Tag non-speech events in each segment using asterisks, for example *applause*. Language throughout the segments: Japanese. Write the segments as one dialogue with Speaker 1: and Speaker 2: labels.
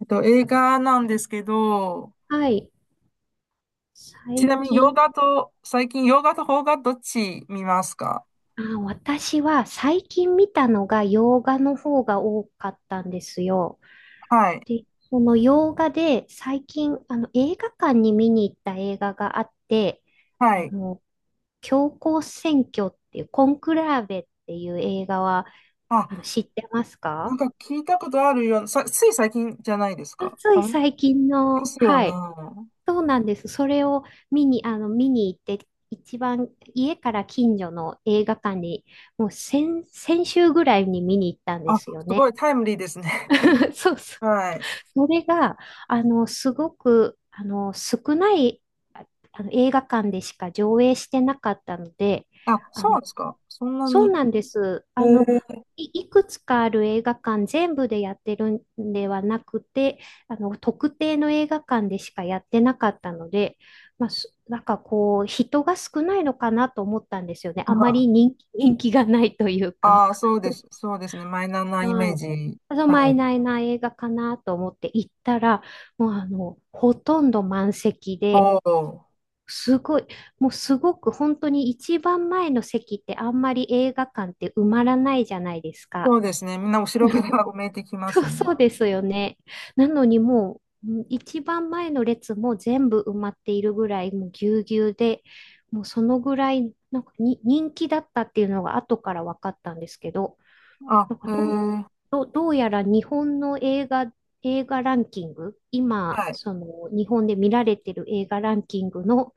Speaker 1: 映画なんですけど、
Speaker 2: はい。
Speaker 1: ち
Speaker 2: 最
Speaker 1: なみに洋
Speaker 2: 近、
Speaker 1: 画と、最近洋画と邦画どっち見ますか？
Speaker 2: あ、私は最近見たのが洋画の方が多かったんですよ。
Speaker 1: はい。
Speaker 2: で、その洋画で最近、映画館に見に行った映画があって、
Speaker 1: は
Speaker 2: あ
Speaker 1: い。
Speaker 2: の、教皇選挙っていう、コンクラーベっていう映画は、
Speaker 1: あ、
Speaker 2: 知ってます
Speaker 1: なん
Speaker 2: か？
Speaker 1: か聞いたことあるような、つい最近じゃないです
Speaker 2: あ、
Speaker 1: か。
Speaker 2: つ
Speaker 1: あ
Speaker 2: い
Speaker 1: れで
Speaker 2: 最近の、
Speaker 1: すよ
Speaker 2: はい。
Speaker 1: ね。
Speaker 2: そうなんです。それを見に行って、一番家から近所の映画館に、もう先週ぐらいに見に行ったんで
Speaker 1: あ、
Speaker 2: すよ
Speaker 1: す
Speaker 2: ね。
Speaker 1: ごいタイムリーですね。
Speaker 2: *laughs*
Speaker 1: *laughs*
Speaker 2: そうそう。
Speaker 1: はい。
Speaker 2: それが、すごく、少ない、あ映画館でしか上映してなかったので、
Speaker 1: あ、
Speaker 2: あ
Speaker 1: そうな
Speaker 2: の、
Speaker 1: んですか。そんな
Speaker 2: そう
Speaker 1: に。
Speaker 2: なんです。
Speaker 1: えー、
Speaker 2: いくつかある映画館全部でやってるんではなくて、特定の映画館でしかやってなかったので、まあ、なんかこう、人が少ないのかなと思ったんですよね。あまり人気、*laughs* 人気がないというか。
Speaker 1: ああー、そうです。そうですね。マイナーなイメ
Speaker 2: は
Speaker 1: ー
Speaker 2: い。
Speaker 1: ジ。
Speaker 2: ただま
Speaker 1: は
Speaker 2: い
Speaker 1: い。
Speaker 2: ないな映画かなと思って行ったら、もうほとんど満席で、
Speaker 1: おお。
Speaker 2: すごい、もうすごく本当に一番前の席ってあんまり映画館って埋まらないじゃないですか。
Speaker 1: そうですね。みんな後ろから *laughs* 埋めてきま
Speaker 2: そう、
Speaker 1: すね。
Speaker 2: そうですよね。なのにもう一番前の列も全部埋まっているぐらいもうぎゅうぎゅうで、もうそのぐらいなんかに人気だったっていうのが後から分かったんですけど、
Speaker 1: あ、
Speaker 2: なんか
Speaker 1: へ
Speaker 2: どう、
Speaker 1: え。
Speaker 2: どうやら日本の映画、ランキング、今、
Speaker 1: はい。
Speaker 2: その日本で見られてる映画ランキングの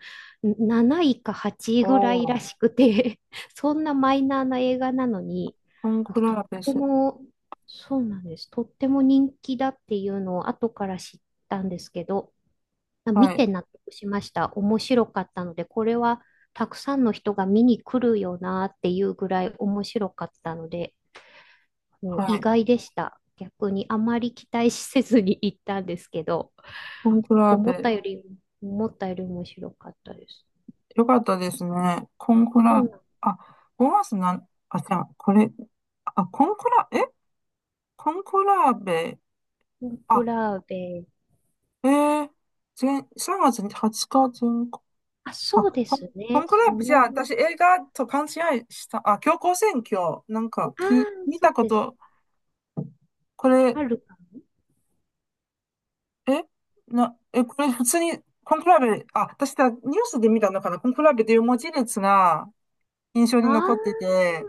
Speaker 2: 7位か8位ぐらいら
Speaker 1: お。
Speaker 2: しくて *laughs* そんなマイナーな映画なのに、
Speaker 1: コン
Speaker 2: なん
Speaker 1: ク
Speaker 2: かとっ
Speaker 1: ラーペ
Speaker 2: て
Speaker 1: ス。
Speaker 2: も、そうなんです。とっても人気だっていうのを後から知ったんですけど、あ、
Speaker 1: は
Speaker 2: 見
Speaker 1: い。
Speaker 2: て納得しました。面白かったので、これはたくさんの人が見に来るよなっていうぐらい面白かったので、もう
Speaker 1: は
Speaker 2: 意
Speaker 1: い。
Speaker 2: 外でした。逆にあまり期待せずに行ったんですけど、
Speaker 1: コンクラー
Speaker 2: 思った
Speaker 1: ペ。
Speaker 2: より、思ったより面白かったです。
Speaker 1: よかったですね。コンク
Speaker 2: そ
Speaker 1: ラ
Speaker 2: う
Speaker 1: ー、
Speaker 2: なん、
Speaker 1: あ、5月あ、じゃあ、あ、コンクラーベ、
Speaker 2: コンク
Speaker 1: あ、
Speaker 2: ラーベ、
Speaker 1: えー、前、3月20日全国、
Speaker 2: あ、
Speaker 1: あ、
Speaker 2: そうです
Speaker 1: コ
Speaker 2: ね。
Speaker 1: ンクラーベ、じゃあ、私映画と勘違いした、あ、強行選挙、なんか、
Speaker 2: ああ、
Speaker 1: 見
Speaker 2: そ
Speaker 1: た
Speaker 2: う
Speaker 1: こ
Speaker 2: です。
Speaker 1: と、これ、
Speaker 2: あるか
Speaker 1: えな、え、これ普通に、コンクラーベ、あ、私だ、ニュースで見たのかな、コンクラーベという文字列が、印象に
Speaker 2: な。あ
Speaker 1: 残ってて、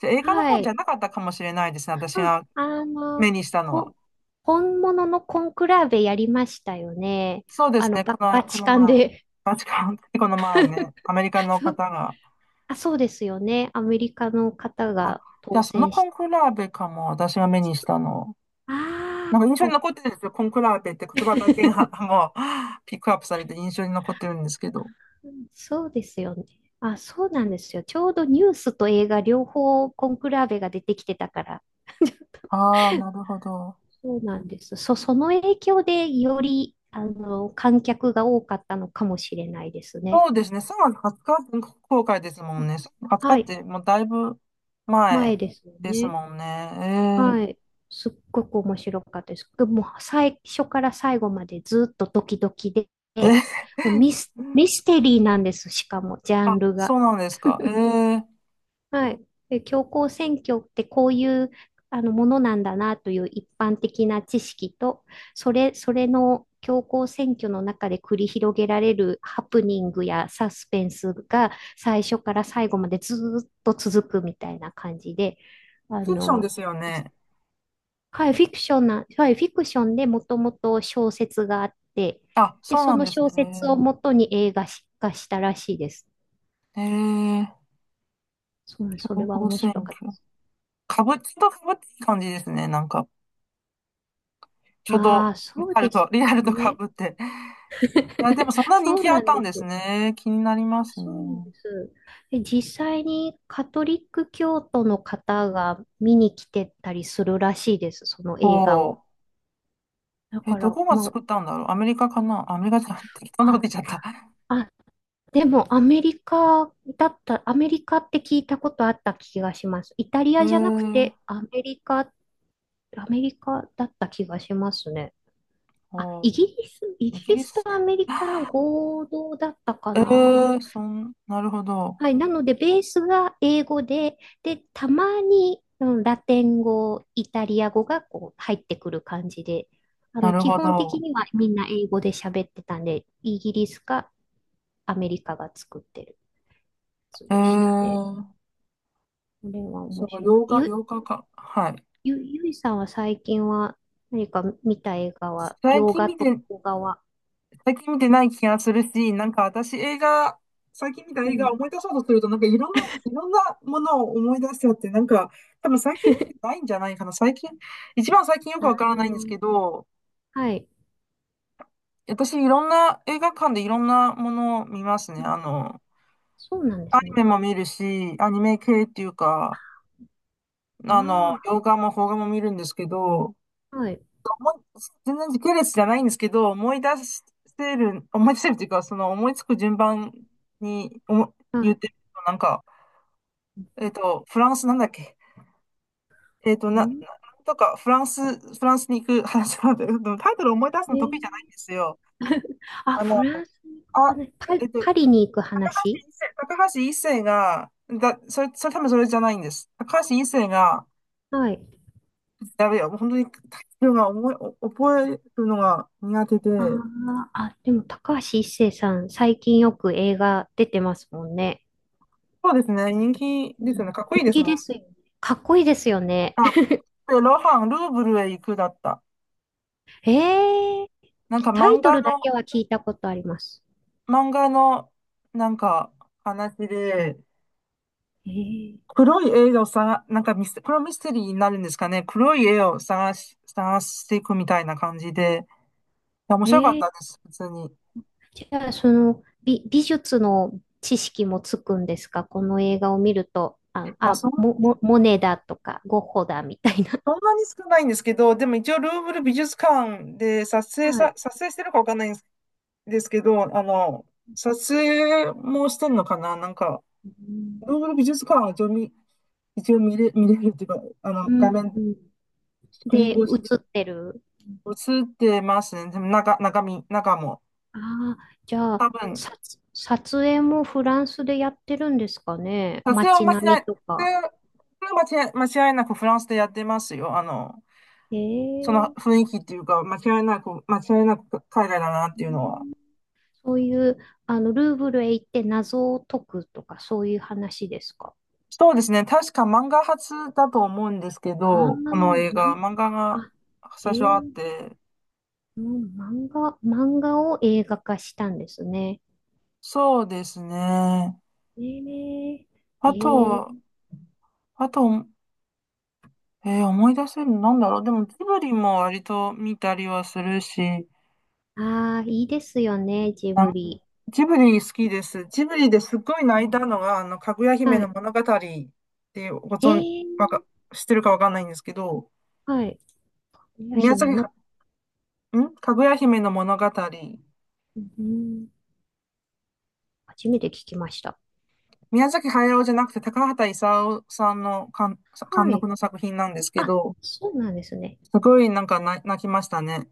Speaker 1: じゃあ映
Speaker 2: あ、
Speaker 1: 画の
Speaker 2: は
Speaker 1: 方じゃ
Speaker 2: い。
Speaker 1: なかったかもしれないですね、私
Speaker 2: うん
Speaker 1: が
Speaker 2: あ
Speaker 1: 目
Speaker 2: の、
Speaker 1: にしたのは。
Speaker 2: ほ、本物のコンクラーベやりましたよね。
Speaker 1: そうですね、
Speaker 2: バ
Speaker 1: こ
Speaker 2: チ
Speaker 1: の
Speaker 2: カン
Speaker 1: 前、
Speaker 2: で。
Speaker 1: バチカン、この前ね、アメリカ
Speaker 2: *laughs*
Speaker 1: の
Speaker 2: そ
Speaker 1: 方
Speaker 2: う、
Speaker 1: が、
Speaker 2: あ、そうですよね。アメリカの方
Speaker 1: あ、
Speaker 2: が
Speaker 1: じゃ
Speaker 2: 当
Speaker 1: あその
Speaker 2: 選
Speaker 1: コ
Speaker 2: し、
Speaker 1: ンクラーベかも、私が目にしたの。
Speaker 2: あ
Speaker 1: なんか印象
Speaker 2: あ、
Speaker 1: に残ってるんですよ、コンクラーベって言葉だけが
Speaker 2: *laughs*
Speaker 1: もうピックアップされて印象に残ってるんですけど。
Speaker 2: そうですよね。あ、そうなんですよ。ちょうどニュースと映画両方コンクラーベが出てきてたから。*laughs*
Speaker 1: ああ、なるほど。
Speaker 2: そうなんです。その影響でより、観客が多かったのかもしれないですね。
Speaker 1: そうですね、3月20日全国公開ですもんね。3月20日
Speaker 2: は
Speaker 1: っ
Speaker 2: い。
Speaker 1: てもうだいぶ
Speaker 2: 前
Speaker 1: 前
Speaker 2: ですよ
Speaker 1: です
Speaker 2: ね。
Speaker 1: もんね。
Speaker 2: は
Speaker 1: え
Speaker 2: い。すっごく面白かったです。もう最初から最後までずっとドキドキで、
Speaker 1: *laughs* え、
Speaker 2: もうミステリーなんです。しかも、ジャン
Speaker 1: あ、
Speaker 2: ル
Speaker 1: そ
Speaker 2: が。
Speaker 1: うなんですか。
Speaker 2: はい。で、教皇選挙ってこういうものなんだなという一般的な知識と、それの教皇選挙の中で繰り広げられるハプニングやサスペンスが最初から最後までずーっと続くみたいな感じで、あ
Speaker 1: フィクションで
Speaker 2: の、
Speaker 1: すよね。
Speaker 2: はい、フィクションな、はい、フィクションでもともと小説があって、
Speaker 1: あ、
Speaker 2: で、
Speaker 1: そう
Speaker 2: そ
Speaker 1: なん
Speaker 2: の
Speaker 1: です
Speaker 2: 小
Speaker 1: ね。
Speaker 2: 説をもとに映画化したらしいです。
Speaker 1: えー、えー
Speaker 2: そう、そ
Speaker 1: 情
Speaker 2: れは
Speaker 1: 報
Speaker 2: 面
Speaker 1: 選
Speaker 2: 白かっ
Speaker 1: 挙。
Speaker 2: た。
Speaker 1: ちょっとかぶっていい感じですね。なんか、ちょうど、
Speaker 2: ああ、そうです
Speaker 1: リアルとか
Speaker 2: ね。
Speaker 1: ぶって。いや、でもそん
Speaker 2: *laughs*
Speaker 1: な人
Speaker 2: そ
Speaker 1: 気
Speaker 2: う
Speaker 1: あっ
Speaker 2: なん
Speaker 1: たん
Speaker 2: で
Speaker 1: です
Speaker 2: す。
Speaker 1: ね。気になりますね。
Speaker 2: そうなんです。で、実際にカトリック教徒の方が見に来てたりするらしいです、その
Speaker 1: お
Speaker 2: 映画
Speaker 1: お。
Speaker 2: を。だか
Speaker 1: ど
Speaker 2: ら、
Speaker 1: こが
Speaker 2: もう、
Speaker 1: 作ったんだろう。アメリカかなアメリカじゃん。適当なこと
Speaker 2: あ、
Speaker 1: 言っちゃった。
Speaker 2: あ、あ、でもアメリカって聞いたことあった気がします。イタリ
Speaker 1: え
Speaker 2: アじゃなく
Speaker 1: ー、
Speaker 2: てアメリカ、アメリカだった気がしますね。あ、
Speaker 1: おー。
Speaker 2: イ
Speaker 1: イ
Speaker 2: ギ
Speaker 1: ギ
Speaker 2: リ
Speaker 1: リ
Speaker 2: スと
Speaker 1: ス。
Speaker 2: アメリカの合同だったかな。
Speaker 1: なるほど。
Speaker 2: はい。なので、ベースが英語で、で、たまに、ラテン語、イタリア語がこう入ってくる感じで、
Speaker 1: なる
Speaker 2: 基
Speaker 1: ほ
Speaker 2: 本的
Speaker 1: ど。
Speaker 2: にはみんな英語で喋ってたんで、イギリスかアメリカが作ってるやつ
Speaker 1: え
Speaker 2: でしたね。
Speaker 1: ー
Speaker 2: これは
Speaker 1: そ
Speaker 2: 面白かった。
Speaker 1: の8日、8日間。はい。
Speaker 2: ゆいさんは最近は何か見た映画は、
Speaker 1: 最
Speaker 2: 洋
Speaker 1: 近
Speaker 2: 画
Speaker 1: 見
Speaker 2: と
Speaker 1: て、
Speaker 2: 邦画は、
Speaker 1: 最近見てない気がするし、なんか私映画、最近見た
Speaker 2: う
Speaker 1: 映画
Speaker 2: ん。
Speaker 1: を思い出そうとすると、なんかいろんなものを思い出しちゃって、なんか多分最近見てないんじゃないかな。最近、一番最近よく
Speaker 2: あ
Speaker 1: わからないんです
Speaker 2: の、
Speaker 1: けど、
Speaker 2: はい。
Speaker 1: 私いろんな映画館でいろんなものを見ますね。あの、
Speaker 2: そうなんで
Speaker 1: ア
Speaker 2: す
Speaker 1: ニメ
Speaker 2: ね。
Speaker 1: も見るし、アニメ系っていうか、あの、
Speaker 2: あ
Speaker 1: 洋画も邦画も見るんですけど、
Speaker 2: あ、はい。
Speaker 1: 思い全然時系列じゃないんですけど、思い出せるというか、その思いつく順番に言っ
Speaker 2: は
Speaker 1: てると、なんか、フランスなんだっけ、えっと、
Speaker 2: い。
Speaker 1: な、
Speaker 2: う
Speaker 1: な
Speaker 2: ん。
Speaker 1: なんとか、フランスに行く話なんだけど、でもタイトル思い出す
Speaker 2: え
Speaker 1: の得意じゃ
Speaker 2: ー
Speaker 1: ないんですよ。
Speaker 2: あ、
Speaker 1: あの、
Speaker 2: フランスに行く
Speaker 1: あ、
Speaker 2: 話、パリ
Speaker 1: 一
Speaker 2: に行く話
Speaker 1: 世高橋一生が、だ、それ、それ多分それじゃないんです。高橋一生が、
Speaker 2: はい。
Speaker 1: やべえよ、もう本当にタイトルが思い、お覚えるのが苦手
Speaker 2: あー
Speaker 1: で、
Speaker 2: あ、でも高橋一生さん、最近よく映画出てますもんね。
Speaker 1: そうですね、人気
Speaker 2: う
Speaker 1: ですよ
Speaker 2: ん、
Speaker 1: ね、かっこいい
Speaker 2: 人
Speaker 1: です
Speaker 2: 気
Speaker 1: もん。
Speaker 2: ですよね。かっこいいですよね。
Speaker 1: あ、
Speaker 2: *laughs*
Speaker 1: で、ロハン、ルーブルへ行くだった。
Speaker 2: えー、
Speaker 1: なんか
Speaker 2: タイトルだけは聞いたことあります。
Speaker 1: 漫画の、なんか話で、
Speaker 2: ええ。
Speaker 1: 黒い絵をさ、なんかこれはミステリーになるんですかね。黒い絵を探していくみたいな感じで、いや面
Speaker 2: え
Speaker 1: 白かっ
Speaker 2: ー
Speaker 1: たです、普通に。い
Speaker 2: じゃあ、その美術の知識もつくんですか？この映画を見ると、
Speaker 1: や、
Speaker 2: モネだとか、ゴッホだみたいな。
Speaker 1: そんなに少ないんですけど、でも一応ルーブル美術館で
Speaker 2: *laughs* はい。
Speaker 1: 撮影してるかわかんないんですけど、あの、撮影もしてんのかななんか、
Speaker 2: うん。
Speaker 1: ルーブル美術館は一応見一応見れ、見れるっていうか、あの、
Speaker 2: う
Speaker 1: 画
Speaker 2: ん、
Speaker 1: 面、スクリーン
Speaker 2: で、映
Speaker 1: 越しで
Speaker 2: ってる。
Speaker 1: 映ってますね。でも中身、中も。
Speaker 2: ああ、じゃ
Speaker 1: 多
Speaker 2: あ、
Speaker 1: 分、
Speaker 2: 撮影もフランスでやってるんですかね。
Speaker 1: さすが
Speaker 2: 街
Speaker 1: 間違い、
Speaker 2: 並み
Speaker 1: 撮
Speaker 2: と
Speaker 1: 影
Speaker 2: か。
Speaker 1: が間違い、間違いなくフランスでやってますよ。あの、
Speaker 2: え
Speaker 1: その
Speaker 2: え
Speaker 1: 雰囲気っていうか、間違いなく、間違いなく海外だなっ
Speaker 2: う
Speaker 1: ていうのは。
Speaker 2: んそういう、ルーブルへ行って謎を解くとか、そういう話ですか？
Speaker 1: そうですね。確か漫画初だと思うんですけ
Speaker 2: ああ、
Speaker 1: ど、この映
Speaker 2: ま
Speaker 1: 画、
Speaker 2: ん、
Speaker 1: 漫画が
Speaker 2: あ、え
Speaker 1: 最初あっ
Speaker 2: え
Speaker 1: て、
Speaker 2: うん漫画を映画化したんですね。
Speaker 1: そうですね。
Speaker 2: ええ。
Speaker 1: あ
Speaker 2: え
Speaker 1: と、
Speaker 2: え。
Speaker 1: あと、思い出せるのなんだろう。でも、ジブリも割と見たりはするし、
Speaker 2: ああ、いいですよね、ジ
Speaker 1: あ、
Speaker 2: ブリ。
Speaker 1: ジブリ好きです。ジブリですっごい
Speaker 2: う
Speaker 1: 泣い
Speaker 2: ん。
Speaker 1: たのが、あの、かぐや姫
Speaker 2: は
Speaker 1: の
Speaker 2: い。
Speaker 1: 物語ってご存、
Speaker 2: え
Speaker 1: わ
Speaker 2: え。
Speaker 1: か、知ってるかわかんないんですけど、
Speaker 2: はい。かぐや
Speaker 1: 宮
Speaker 2: 姫
Speaker 1: 崎は、
Speaker 2: の、
Speaker 1: んかぐや姫の物語。
Speaker 2: うん、初めて聞きました。
Speaker 1: 宮崎駿じゃなくて高畑勲さんの監
Speaker 2: は
Speaker 1: 督
Speaker 2: い。
Speaker 1: の作品なんですけ
Speaker 2: あ、
Speaker 1: ど、
Speaker 2: そうなんですね。
Speaker 1: すごいなんか泣きましたね。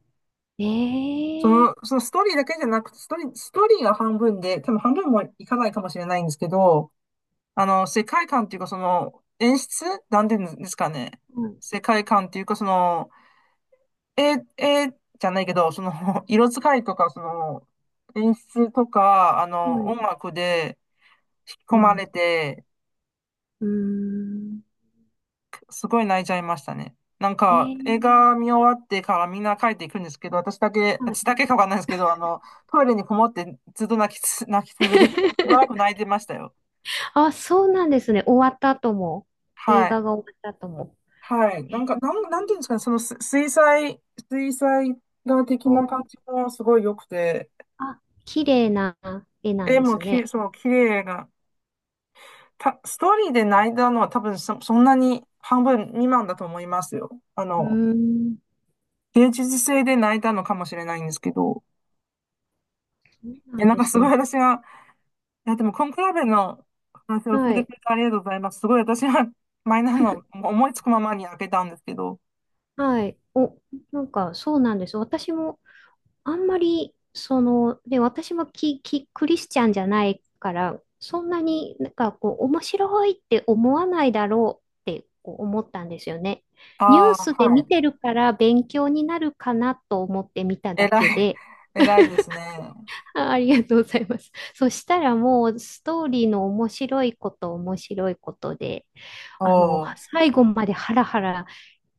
Speaker 2: ええ
Speaker 1: そのストーリーだけじゃなくて、ストーリーが半分で、多分半分もいかないかもしれないんですけど、あの、世界観っていうか、その、演出なんていうんですかね。
Speaker 2: ー。はい。
Speaker 1: 世界観っていうか、その、え、え、じゃないけど、その、*laughs* 色使いとか、その、演出とか、あ
Speaker 2: は
Speaker 1: の、
Speaker 2: い。
Speaker 1: 音楽で引き
Speaker 2: う
Speaker 1: 込まれ
Speaker 2: ん。
Speaker 1: て、
Speaker 2: うーん。
Speaker 1: すごい泣いちゃいましたね。なん
Speaker 2: ええ
Speaker 1: か、映
Speaker 2: ー。
Speaker 1: 画見終わってからみんな帰っていくんですけど、
Speaker 2: はい。
Speaker 1: 私だけかわかんないですけど、あの、トイレにこもってずっと泣き続けてた。しばらく
Speaker 2: *laughs*
Speaker 1: 泣いてましたよ。
Speaker 2: あ、そうなんですね。終わった後も、映
Speaker 1: はい。
Speaker 2: 画が終わった後も。
Speaker 1: はい。
Speaker 2: え
Speaker 1: なん
Speaker 2: ー
Speaker 1: か、なんていうんですかね、そのす水彩、水彩画的
Speaker 2: と、
Speaker 1: な感じもすごい良くて、
Speaker 2: あ、綺麗な絵なん
Speaker 1: 絵
Speaker 2: で
Speaker 1: も
Speaker 2: す
Speaker 1: き、
Speaker 2: ね。
Speaker 1: そう、綺麗が、た、ストーリーで泣いたのは多分そんなに半分未満だと思いますよ。あ
Speaker 2: う
Speaker 1: の、
Speaker 2: ーん、
Speaker 1: 芸術性で泣いたのかもしれないんですけど、
Speaker 2: そうな
Speaker 1: いや、
Speaker 2: ん
Speaker 1: なん
Speaker 2: で
Speaker 1: かす
Speaker 2: す
Speaker 1: ごい
Speaker 2: ね。
Speaker 1: 私が、いや、でも、コンクラベの話を教え
Speaker 2: は
Speaker 1: て
Speaker 2: い、
Speaker 1: くれてありがとうございます。すごい私は *laughs* マイナーの思いつくままに開けたんですけど、
Speaker 2: はい。お、なんか、そうなんです。私もあんまり、その、で、私もクリスチャンじゃないから、そんなになんかこう、面白いって思わないだろうってこう思ったんですよね。ニュ
Speaker 1: あ
Speaker 2: ー
Speaker 1: あ、
Speaker 2: スで
Speaker 1: は
Speaker 2: 見
Speaker 1: い。
Speaker 2: てるから勉強になるかなと思って見た
Speaker 1: 偉
Speaker 2: だけ
Speaker 1: い、
Speaker 2: で、
Speaker 1: *laughs* 偉いですね。
Speaker 2: あ、ありがとうございます。そしたらもうストーリーの面白いこと面白いことで、
Speaker 1: お
Speaker 2: あの、
Speaker 1: ー。
Speaker 2: 最後までハラハラ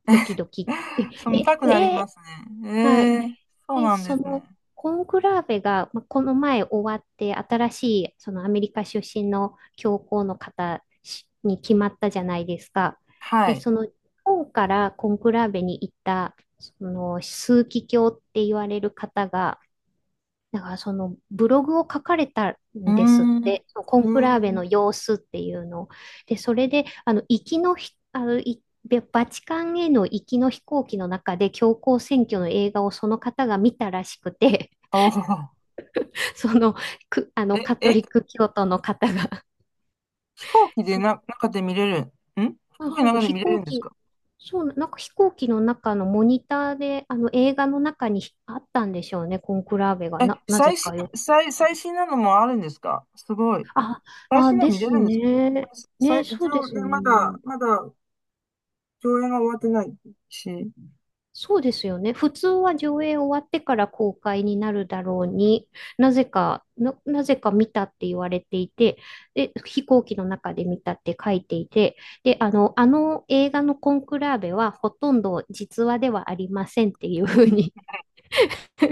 Speaker 2: ドキドキって、
Speaker 1: *laughs* そう、見た
Speaker 2: え、
Speaker 1: くなり
Speaker 2: え、
Speaker 1: ま
Speaker 2: え、
Speaker 1: すね。
Speaker 2: はい。
Speaker 1: ええ、そう
Speaker 2: で、
Speaker 1: なんで
Speaker 2: そ
Speaker 1: すね。
Speaker 2: のコンクラーベが、まあ、この前終わって、新しいそのアメリカ出身の教皇の方しに決まったじゃないですか。
Speaker 1: は
Speaker 2: で、
Speaker 1: い。
Speaker 2: その日本からコンクラーベに行った、その枢機卿って言われる方が、だからそのブログを書かれた
Speaker 1: うー
Speaker 2: んですっ
Speaker 1: ん。う
Speaker 2: て、そのコンクラーベ
Speaker 1: ーん。
Speaker 2: の様子っていうのを。で、それで、あの、行きのひ、あの、いバチカンへの行きの飛行機の中で教皇選挙の映画をその方が見たらしくて、
Speaker 1: おお。
Speaker 2: *laughs* その、く、あの、
Speaker 1: え、
Speaker 2: カト
Speaker 1: え、
Speaker 2: リック教徒の方が。
Speaker 1: 飛行機
Speaker 2: *laughs*
Speaker 1: で
Speaker 2: そう、
Speaker 1: な、中で見れる。飛
Speaker 2: あ、
Speaker 1: 行機
Speaker 2: そう
Speaker 1: の
Speaker 2: そう、
Speaker 1: 中で
Speaker 2: 飛
Speaker 1: 見れる
Speaker 2: 行
Speaker 1: んです
Speaker 2: 機、
Speaker 1: か？
Speaker 2: そう、なんか飛行機の中のモニターで、映画の中にあったんでしょうね、コンクラーベが。
Speaker 1: え、
Speaker 2: なぜかよ、
Speaker 1: 最新なのもあるんですか？すごい。
Speaker 2: あ、
Speaker 1: 最
Speaker 2: あ、
Speaker 1: 新の
Speaker 2: で
Speaker 1: 見れ
Speaker 2: す
Speaker 1: るんですか？
Speaker 2: ね。ね、
Speaker 1: 一
Speaker 2: そうで
Speaker 1: 応
Speaker 2: す
Speaker 1: ね、まだ、
Speaker 2: ね。
Speaker 1: まだ、上映が終わってないし。
Speaker 2: そうですよね。普通は上映終わってから公開になるだろうに、なぜか見たって言われていて、で、飛行機の中で見たって書いていて、で、あの映画のコンクラーベはほとんど実話ではありませんっていうふうに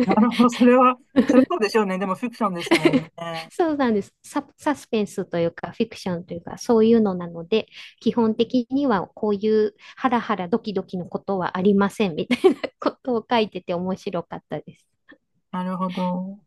Speaker 1: なるほど、それはそうでしょうね。でも、フィクションですもんね。
Speaker 2: *laughs* そうなんです。サスペンスというか、フィクションというか、そういうのなので、基本的にはこういうハラハラドキドキのことはありませんみたいなことを書いてて面白かったです。
Speaker 1: なるほど。